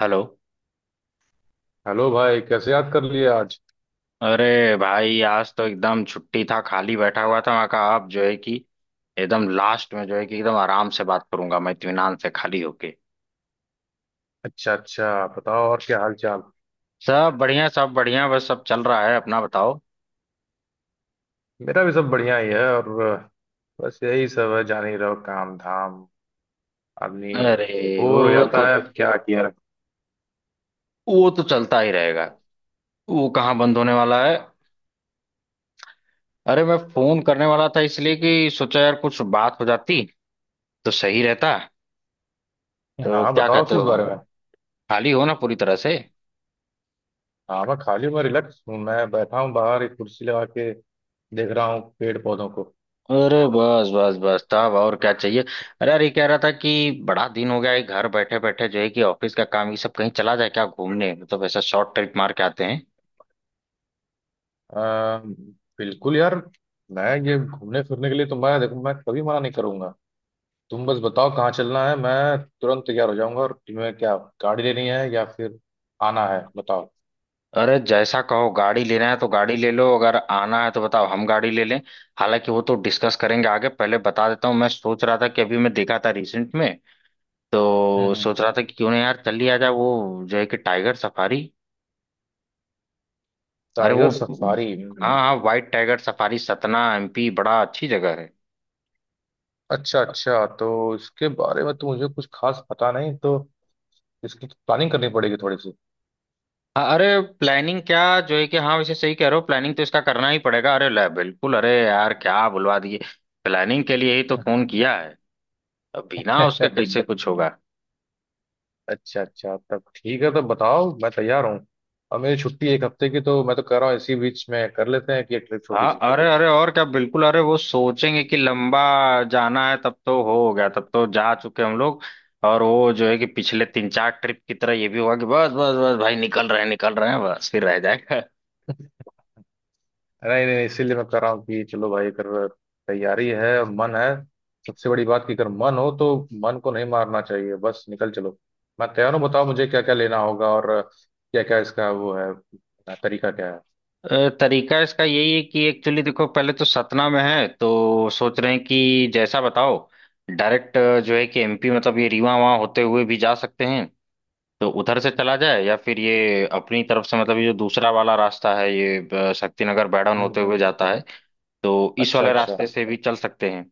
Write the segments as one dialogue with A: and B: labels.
A: Hello.
B: Hello भाई, कैसे याद कर लिए आज?
A: अरे भाई आज तो एकदम छुट्टी था, खाली बैठा हुआ था। मैं कहा आप जो है कि एकदम लास्ट में जो है कि एकदम आराम से बात करूंगा, मैं इत्मीनान से खाली होके।
B: अच्छा अच्छा, बताओ और क्या हाल चाल।
A: सब बढ़िया सब बढ़िया, बस सब चल रहा है, अपना बताओ।
B: मेरा भी सब बढ़िया ही है। और बस यही सब है, जान ही रहो काम धाम। आदमी
A: अरे वो
B: बोर हो
A: तो,
B: जाता है, क्या किया रहे।
A: वो तो चलता ही रहेगा, वो कहाँ बंद होने वाला है। अरे मैं फोन करने वाला था, इसलिए कि सोचा यार कुछ बात हो जाती तो सही रहता। तो
B: हाँ
A: क्या
B: बताओ,
A: कहते
B: किस
A: हो?
B: बारे में।
A: खाली हो ना पूरी तरह से?
B: हाँ, मैं खाली हूँ, मैं रिलैक्स हूँ, मैं बैठा हूँ बाहर एक कुर्सी लगा के। देख रहा हूँ पेड़ पौधों को।
A: अरे बस बस बस साहब, और क्या चाहिए। अरे अरे, कह रहा था कि बड़ा दिन हो गया है, घर बैठे बैठे जो है कि ऑफिस का काम, ये सब कहीं चला जाए क्या घूमने, मतलब ऐसा शॉर्ट ट्रिप मार के आते हैं।
B: अ, बिल्कुल यार। मैं ये घूमने फिरने के लिए तो, मैं देखो, मैं कभी मना नहीं करूंगा। तुम बस बताओ कहाँ चलना है, मैं तुरंत तैयार हो जाऊंगा। और तुम्हें क्या गाड़ी लेनी है या फिर आना है, बताओ।
A: अरे जैसा कहो, गाड़ी लेना है तो गाड़ी ले लो, अगर आना है तो बताओ हम गाड़ी ले लें। हालांकि वो तो डिस्कस करेंगे आगे, पहले बता देता हूँ, मैं सोच रहा था कि अभी मैं देखा था रिसेंट में, तो
B: हम्म।
A: सोच रहा था कि क्यों ना यार चल लिया जाए वो जो है कि टाइगर सफारी। अरे वो,
B: टाइगर सफारी।
A: हाँ
B: हम्म।
A: हाँ white tiger safari, Satna MP, बड़ा अच्छी जगह है।
B: अच्छा अच्छा, तो इसके बारे में तो मुझे कुछ खास पता नहीं। तो इसकी तो प्लानिंग करनी पड़ेगी थोड़ी सी।
A: अरे प्लानिंग क्या, जो है कि हाँ, वैसे सही कह रहे हो, प्लानिंग तो इसका करना ही पड़ेगा। अरे ले बिल्कुल, अरे यार क्या बुलवा दिए, प्लानिंग के लिए ही तो फोन किया है, अब बिना उसके कैसे कुछ होगा।
B: अच्छा अच्छा, तब ठीक है। तो बताओ, मैं तैयार हूँ। और मेरी छुट्टी एक हफ्ते की, तो मैं तो कह रहा हूँ इसी बीच में कर लेते हैं कि एक ट्रिप छोटी
A: हाँ
B: सी।
A: अरे अरे और क्या बिल्कुल, अरे वो सोचेंगे कि लंबा जाना है, तब तो हो गया, तब तो जा चुके हम लोग। और वो जो है कि पिछले 3 4 ट्रिप की तरह ये भी होगा कि बस बस बस भाई निकल रहे हैं निकल रहे हैं, बस फिर रह जाएगा।
B: नहीं नहीं, इसीलिए मैं कह रहा हूँ कि चलो भाई, अगर तैयारी है और मन है, सबसे बड़ी बात कि अगर मन हो तो मन को नहीं मारना चाहिए। बस निकल चलो। मैं तैयार हूँ, बताओ मुझे क्या क्या लेना होगा और क्या क्या इसका वो है, तरीका क्या है।
A: तरीका इसका यही है कि एक्चुअली देखो, पहले तो सतना में है, तो सोच रहे हैं कि जैसा बताओ, डायरेक्ट जो है कि एमपी, मतलब ये रीवा वहाँ होते हुए भी जा सकते हैं, तो उधर से चला जाए, या फिर ये अपनी तरफ से, मतलब ये जो दूसरा वाला रास्ता है, ये शक्तिनगर बैडन
B: हम्म
A: होते हुए
B: हम्म।
A: जाता है, तो इस
B: अच्छा
A: वाले
B: अच्छा।
A: रास्ते से भी चल सकते हैं।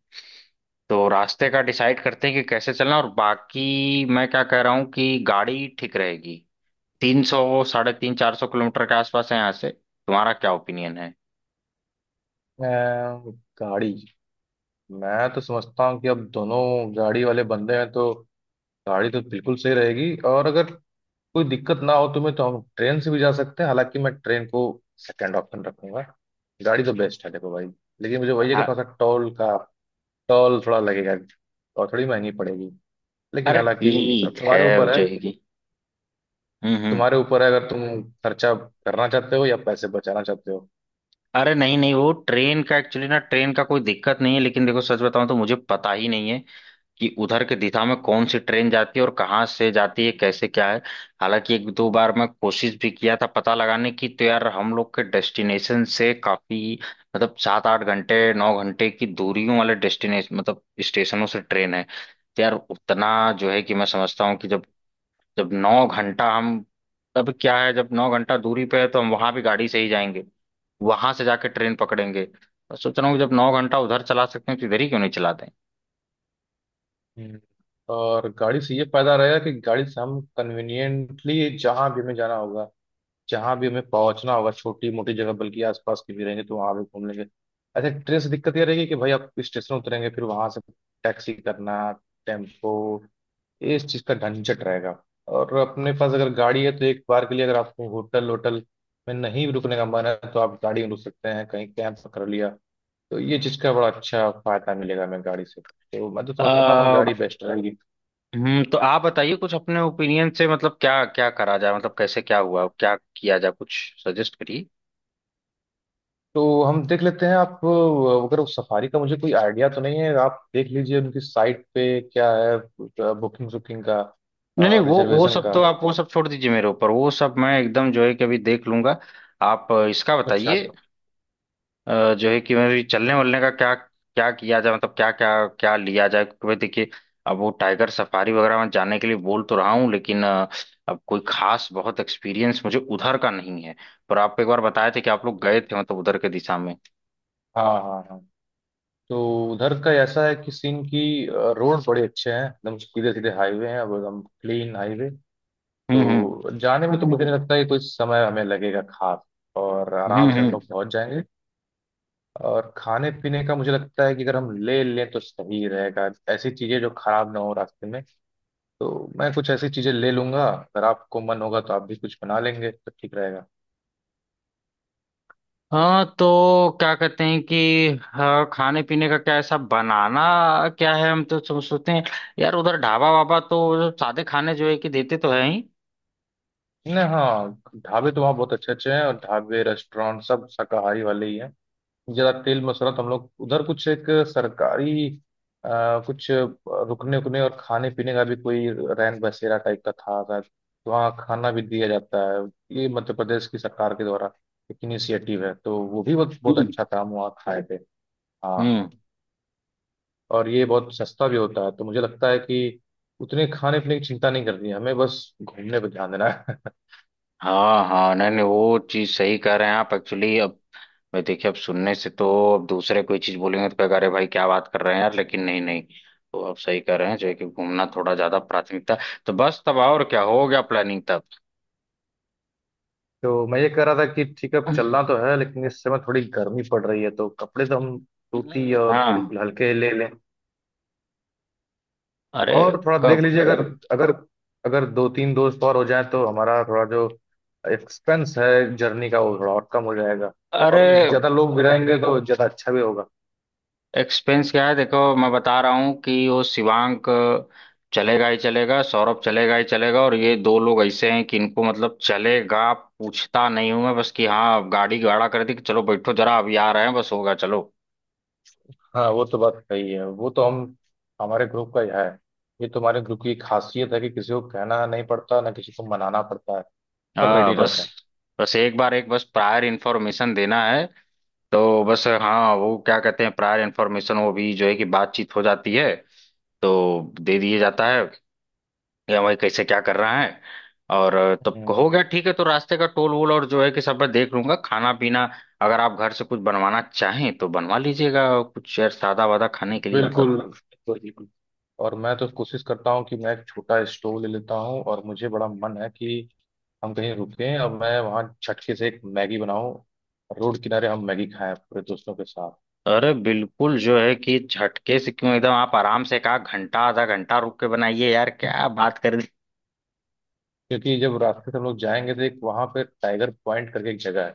A: तो रास्ते का डिसाइड करते हैं कि कैसे चलना, और बाकी मैं क्या कह रहा हूँ कि गाड़ी ठीक रहेगी। 300 साढ़े तीन 400 किलोमीटर के आसपास है यहाँ से, तुम्हारा क्या ओपिनियन है?
B: अम, गाड़ी, मैं तो समझता हूँ कि अब दोनों गाड़ी वाले बंदे हैं, तो गाड़ी तो बिल्कुल सही रहेगी। और अगर कोई दिक्कत ना हो तुम्हें तो हम ट्रेन से भी जा सकते हैं, हालांकि मैं ट्रेन को सेकंड ऑप्शन रखूंगा। गाड़ी तो बेस्ट है, देखो भाई। लेकिन मुझे वही है कि
A: हाँ।
B: थोड़ा सा टोल का टोल थोड़ा लगेगा और थोड़ी महंगी पड़ेगी, लेकिन
A: अरे
B: हालांकि अब
A: ठीक है,
B: तुम्हारे
A: अब
B: ऊपर है।
A: जाएगी। हम्म।
B: तुम्हारे ऊपर है, अगर तुम खर्चा करना चाहते हो या पैसे बचाना चाहते हो।
A: अरे नहीं नहीं, वो ट्रेन का एक्चुअली ना, ट्रेन का कोई दिक्कत नहीं है, लेकिन देखो सच बताऊं तो मुझे पता ही नहीं है कि उधर के दिशा में कौन सी ट्रेन जाती है और कहाँ से जाती है, कैसे क्या है। हालांकि 1 2 बार मैं कोशिश भी किया था पता लगाने की, तो यार हम लोग के डेस्टिनेशन से काफी, मतलब 7 8 घंटे 9 घंटे की दूरियों वाले डेस्टिनेशन मतलब स्टेशनों से ट्रेन है। तो यार उतना जो है कि मैं समझता हूँ कि जब, जब 9 घंटा हम, तब क्या है, जब 9 घंटा दूरी पे है तो हम वहां भी गाड़ी से ही जाएंगे, वहां से जाके ट्रेन पकड़ेंगे, तो सोच रहा हूँ जब 9 घंटा उधर चला सकते हैं तो इधर ही क्यों नहीं चलाते।
B: हम्म। और गाड़ी से ये फायदा रहेगा कि गाड़ी से हम कन्वीनियंटली जहाँ भी हमें जाना होगा, जहां भी हमें पहुंचना होगा, छोटी मोटी जगह बल्कि आसपास की भी रहेंगे तो वहां भी घूम लेंगे। अच्छा, ट्रेन से दिक्कत ये रहेगी कि भाई आप स्टेशन उतरेंगे, फिर वहां से टैक्सी करना, टेम्पो, इस चीज का झंझट रहेगा। और अपने पास अगर गाड़ी है, तो एक बार के लिए अगर आपको होटल होटल में नहीं भी रुकने का मन है तो आप गाड़ी में रुक सकते हैं, कहीं कैंप कर लिया। तो ये चीज का बड़ा अच्छा फायदा मिलेगा हमें गाड़ी से, तो मैं तो समझता हूँ
A: आ,
B: गाड़ी बेस्ट रहेगी।
A: तो आप बताइए कुछ अपने ओपिनियन से, मतलब क्या क्या करा जाए, मतलब कैसे क्या हुआ, क्या किया जाए, कुछ सजेस्ट करिए।
B: तो हम देख लेते हैं। आप अगर उस सफारी का, मुझे कोई आइडिया तो नहीं है, आप देख लीजिए उनकी साइट पे क्या है, बुकिंग बुकिंग का
A: नहीं नहीं,
B: और
A: वो
B: रिजर्वेशन
A: सब
B: का।
A: तो आप वो सब छोड़ दीजिए मेरे ऊपर, वो सब मैं एकदम जो है कि अभी देख लूंगा, आप इसका
B: अच्छा
A: बताइए।
B: अच्छा।
A: जो है कि मेरी चलने वलने का क्या क्या किया जाए, मतलब क्या क्या क्या लिया जाए, क्योंकि भाई देखिए, अब वो टाइगर सफारी वगैरह में जाने के लिए बोल तो रहा हूँ, लेकिन अब कोई खास बहुत एक्सपीरियंस मुझे उधर का नहीं है। पर आप एक बार बताए थे कि आप लोग गए थे, मतलब उधर के दिशा में।
B: हाँ हाँ हाँ। तो उधर का ऐसा है कि सीन की रोड बड़े अच्छे हैं, एकदम सीधे सीधे हाईवे हैं, अब एकदम क्लीन हाईवे।
A: हम्म।
B: तो जाने में तो मुझे नहीं लगता है कि कोई समय हमें लगेगा खास, और
A: हम्म
B: आराम से हम
A: हम्म।
B: लोग पहुंच जाएंगे। और खाने पीने का मुझे लगता है कि अगर हम ले लें तो सही रहेगा, ऐसी चीजें जो खराब ना हो रास्ते में। तो मैं कुछ ऐसी चीजें ले लूंगा, अगर आपको मन होगा तो आप भी कुछ बना लेंगे तो ठीक रहेगा।
A: हाँ तो क्या कहते हैं कि, हाँ, खाने पीने का क्या ऐसा बनाना क्या है, हम तो सोचते हैं यार उधर ढाबा वाबा तो सादे खाने जो है कि देते तो है ही।
B: नहीं, हाँ, ढाबे तो वहाँ बहुत अच्छे अच्छे हैं, और ढाबे रेस्टोरेंट सब शाकाहारी वाले ही हैं, ज्यादा तेल मसाला तो, हम लोग उधर कुछ एक सरकारी, कुछ रुकने उकने और खाने पीने का भी कोई रैन बसेरा टाइप का था शायद, तो वहाँ खाना भी दिया जाता है। ये मध्य प्रदेश की सरकार के द्वारा एक इनिशिएटिव है, तो वो भी बहुत बहुत
A: हम्म
B: अच्छा था, हम वहाँ खाए थे। हाँ।
A: हम्म।
B: और ये बहुत सस्ता भी होता है, तो मुझे लगता है कि उतने खाने पीने की चिंता नहीं करनी है हमें, बस घूमने पर ध्यान देना है।
A: हाँ हाँ, नहीं नहीं, वो चीज सही कह रहे हैं आप, एक्चुअली अब मैं देखिए, अब सुनने से तो अब दूसरे कोई चीज बोलेंगे तो कहेगा अरे भाई क्या बात कर रहे हैं यार, लेकिन नहीं नहीं, तो आप सही कह रहे हैं जो है कि घूमना थोड़ा ज्यादा प्राथमिकता, तो बस, तब और क्या हो गया, प्लानिंग तब।
B: तो मैं ये कह रहा था कि ठीक है, अब चलना तो है लेकिन इस समय थोड़ी गर्मी पड़ रही है, तो कपड़े तो हम सूती और
A: हाँ।
B: बिल्कुल हल्के ही ले लें।
A: अरे
B: और थोड़ा देख
A: कब?
B: लीजिए, अगर अगर अगर दो तीन दोस्त और हो जाए तो हमारा थोड़ा जो एक्सपेंस है जर्नी का वो थोड़ा और कम हो जाएगा।
A: अरे
B: और ज्यादा लोग भी रहेंगे तो ज्यादा अच्छा भी होगा।
A: एक्सपेंस क्या है, देखो मैं बता रहा हूँ कि वो शिवांक चलेगा ही चलेगा, सौरभ चलेगा ही चलेगा, और ये दो लोग ऐसे हैं कि इनको मतलब चलेगा पूछता नहीं हूं मैं, बस कि हाँ अब गाड़ी गाड़ा कर दी कि चलो बैठो जरा अभी आ रहे हैं, बस होगा, चलो।
B: हाँ, वो तो बात सही है। वो तो हम हमारे ग्रुप का ही है। ये तुम्हारे ग्रुप की खासियत है कि किसी को कहना नहीं पड़ता, ना किसी को मनाना पड़ता है, सब
A: हाँ
B: रेडी
A: बस,
B: रहते हैं।
A: बस एक बार, एक बस प्रायर इन्फॉर्मेशन देना है, तो बस, हाँ वो क्या कहते हैं प्रायर इन्फॉर्मेशन वो भी जो है कि बातचीत हो जाती है तो दे दिए जाता है, या वही कैसे क्या कर रहा है। और तब हो
B: हम्म।
A: गया ठीक है, तो रास्ते का टोल वोल और जो है कि सब मैं देख लूंगा, खाना पीना अगर आप घर से कुछ बनवाना चाहें तो बनवा लीजिएगा, और कुछ यार सादा वादा खाने के लिए
B: बिल्कुल
A: मतलब।
B: बिल्कुल बिल्कुल। और मैं तो कोशिश करता हूँ कि मैं एक छोटा स्टोव ले लेता हूँ, और मुझे बड़ा मन है कि हम कहीं रुकें और मैं वहाँ छटके से एक मैगी बनाऊँ। रोड किनारे हम मैगी खाएं पूरे दोस्तों के साथ।
A: अरे बिल्कुल जो है कि झटके से क्यों, एकदम आप आराम से, कहा घंटा आधा घंटा रुक के बनाइए, यार क्या बात कर दी।
B: क्योंकि जब रास्ते से हम लोग जाएंगे, तो एक वहाँ पे टाइगर पॉइंट करके एक जगह है।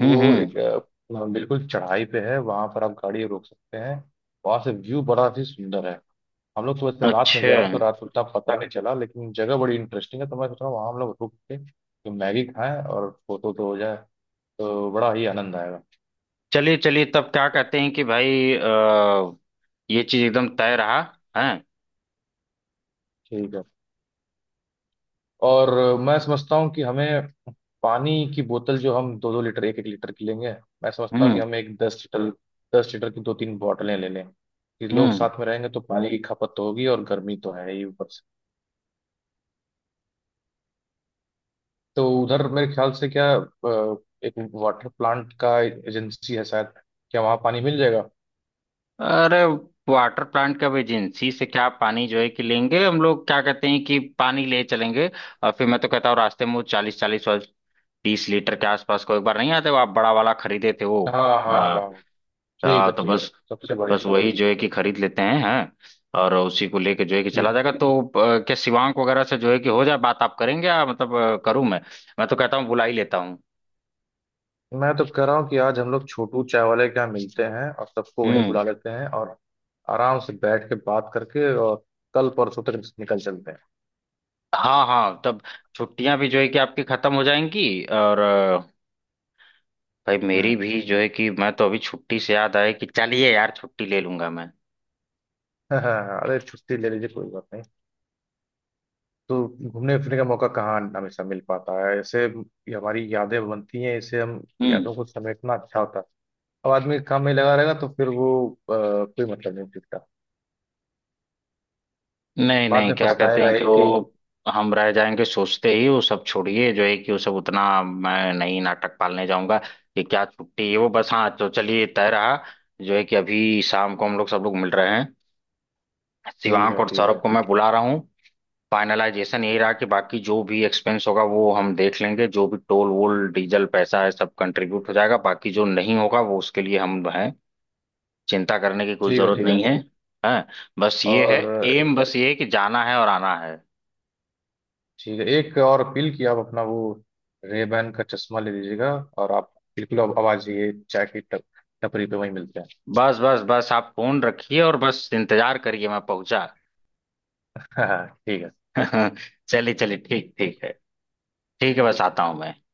B: वो एक
A: हम्म।
B: बिल्कुल चढ़ाई पे है, वहां पर आप गाड़ी रोक सकते हैं। वहां से व्यू बड़ा ही सुंदर है। हम लोग तो वैसे रात में
A: अच्छा,
B: गए थे तो रात को उतना पता नहीं चला, लेकिन जगह बड़ी इंटरेस्टिंग है। तो मैं सोच रहा हूँ वहां हम लोग रुक के तो मैगी खाएं और फोटो तो हो जाए, तो बड़ा ही आनंद आएगा।
A: चलिए चलिए, तब क्या कहते हैं कि भाई ये चीज एकदम तय रहा है।
B: ठीक है। और मैं समझता हूँ कि हमें पानी की बोतल, जो हम 2-2 लीटर 1-1 लीटर की लेंगे, मैं समझता हूँ कि
A: हम्म
B: हम एक दस लीटर 10 लीटर की दो तीन बोतलें ले लें, कि लोग
A: हम्म।
B: साथ में रहेंगे तो पानी की खपत तो होगी, और गर्मी तो है ही। तो उधर मेरे ख्याल से क्या, एक वाटर प्लांट का एजेंसी है शायद, क्या वहाँ पानी मिल जाएगा?
A: अरे वाटर प्लांट का भी एजेंसी से क्या, पानी जो है कि लेंगे हम लोग, क्या कहते हैं कि पानी ले चलेंगे, और फिर मैं तो कहता हूँ रास्ते में वो 40 40 और 30 लीटर के आसपास को एक बार नहीं आते वो, आप बड़ा वाला खरीदे थे वो।
B: हाँ हाँ
A: आ,
B: हाँ। ठीक
A: आ,
B: है,
A: तो
B: ठीक।
A: बस,
B: सबसे बढ़िया
A: बस
B: सबसे
A: वही जो है कि खरीद लेते हैं, और उसी को लेके जो है कि चला
B: ठीक।
A: जाएगा। तो क्या शिवांक वगैरह से जो है कि हो जाए बात, आप करेंगे या मतलब करूं मैं? मैं तो कहता हूँ बुला ही लेता हूँ।
B: मैं तो कह रहा हूँ कि आज हम लोग छोटू चाय वाले के यहाँ मिलते हैं और सबको वहीं
A: हम्म।
B: बुला लेते हैं, और आराम से बैठ के बात करके और कल परसों तक निकल चलते हैं।
A: हाँ हाँ, तब छुट्टियां भी जो है कि आपकी खत्म हो जाएंगी, और भाई मेरी
B: हम्म।
A: भी, जो है कि मैं तो अभी छुट्टी से याद आया कि चलिए यार छुट्टी ले लूंगा मैं।
B: हाँ, अरे छुट्टी ले लीजिए, कोई बात नहीं। तो घूमने फिरने का मौका कहाँ हमेशा मिल पाता है, ऐसे ये हमारी यादें बनती हैं, इसे हम
A: हम्म।
B: यादों को समेटना अच्छा होता है। अब आदमी काम में लगा रहेगा तो फिर वो कोई मतलब नहीं दिखता।
A: नहीं
B: बाद
A: नहीं,
B: में
A: क्या कहते
B: पछताएगा
A: हैं कि
B: यही कि।
A: वो, हम रह जाएंगे सोचते ही, वो सब छोड़िए, जो है कि वो सब उतना मैं नहीं नाटक पालने जाऊंगा कि क्या छुट्टी है वो, बस हाँ तो चलिए, तय रहा जो है कि अभी शाम को हम लोग सब लोग मिल रहे हैं,
B: ठीक
A: शिवांक
B: है
A: और
B: ठीक
A: सौरभ
B: है।
A: को मैं बुला रहा हूँ। फाइनलाइजेशन यही रहा कि बाकी जो भी एक्सपेंस होगा वो हम देख लेंगे, जो भी टोल वोल डीजल पैसा है सब कंट्रीब्यूट हो जाएगा, बाकी जो नहीं होगा वो उसके लिए हम हैं, चिंता करने की कोई
B: ठीक है
A: जरूरत
B: ठीक है।
A: नहीं है। हाँ, बस ये है।
B: और
A: एम बस ये है कि जाना है और आना है।
B: ठीक है, एक और अपील कि आप अपना वो रेबैन का चश्मा ले लीजिएगा, और आप बिल्कुल अब आवाज ये चाय की टप टपरी पे वहीं मिलते हैं।
A: बस बस बस, आप फोन रखिए और बस इंतजार करिए, मैं पहुंचा।
B: हाँ ठीक है।
A: चलिए चलिए, ठीक, ठीक है। ठीक है, बस आता हूँ मैं।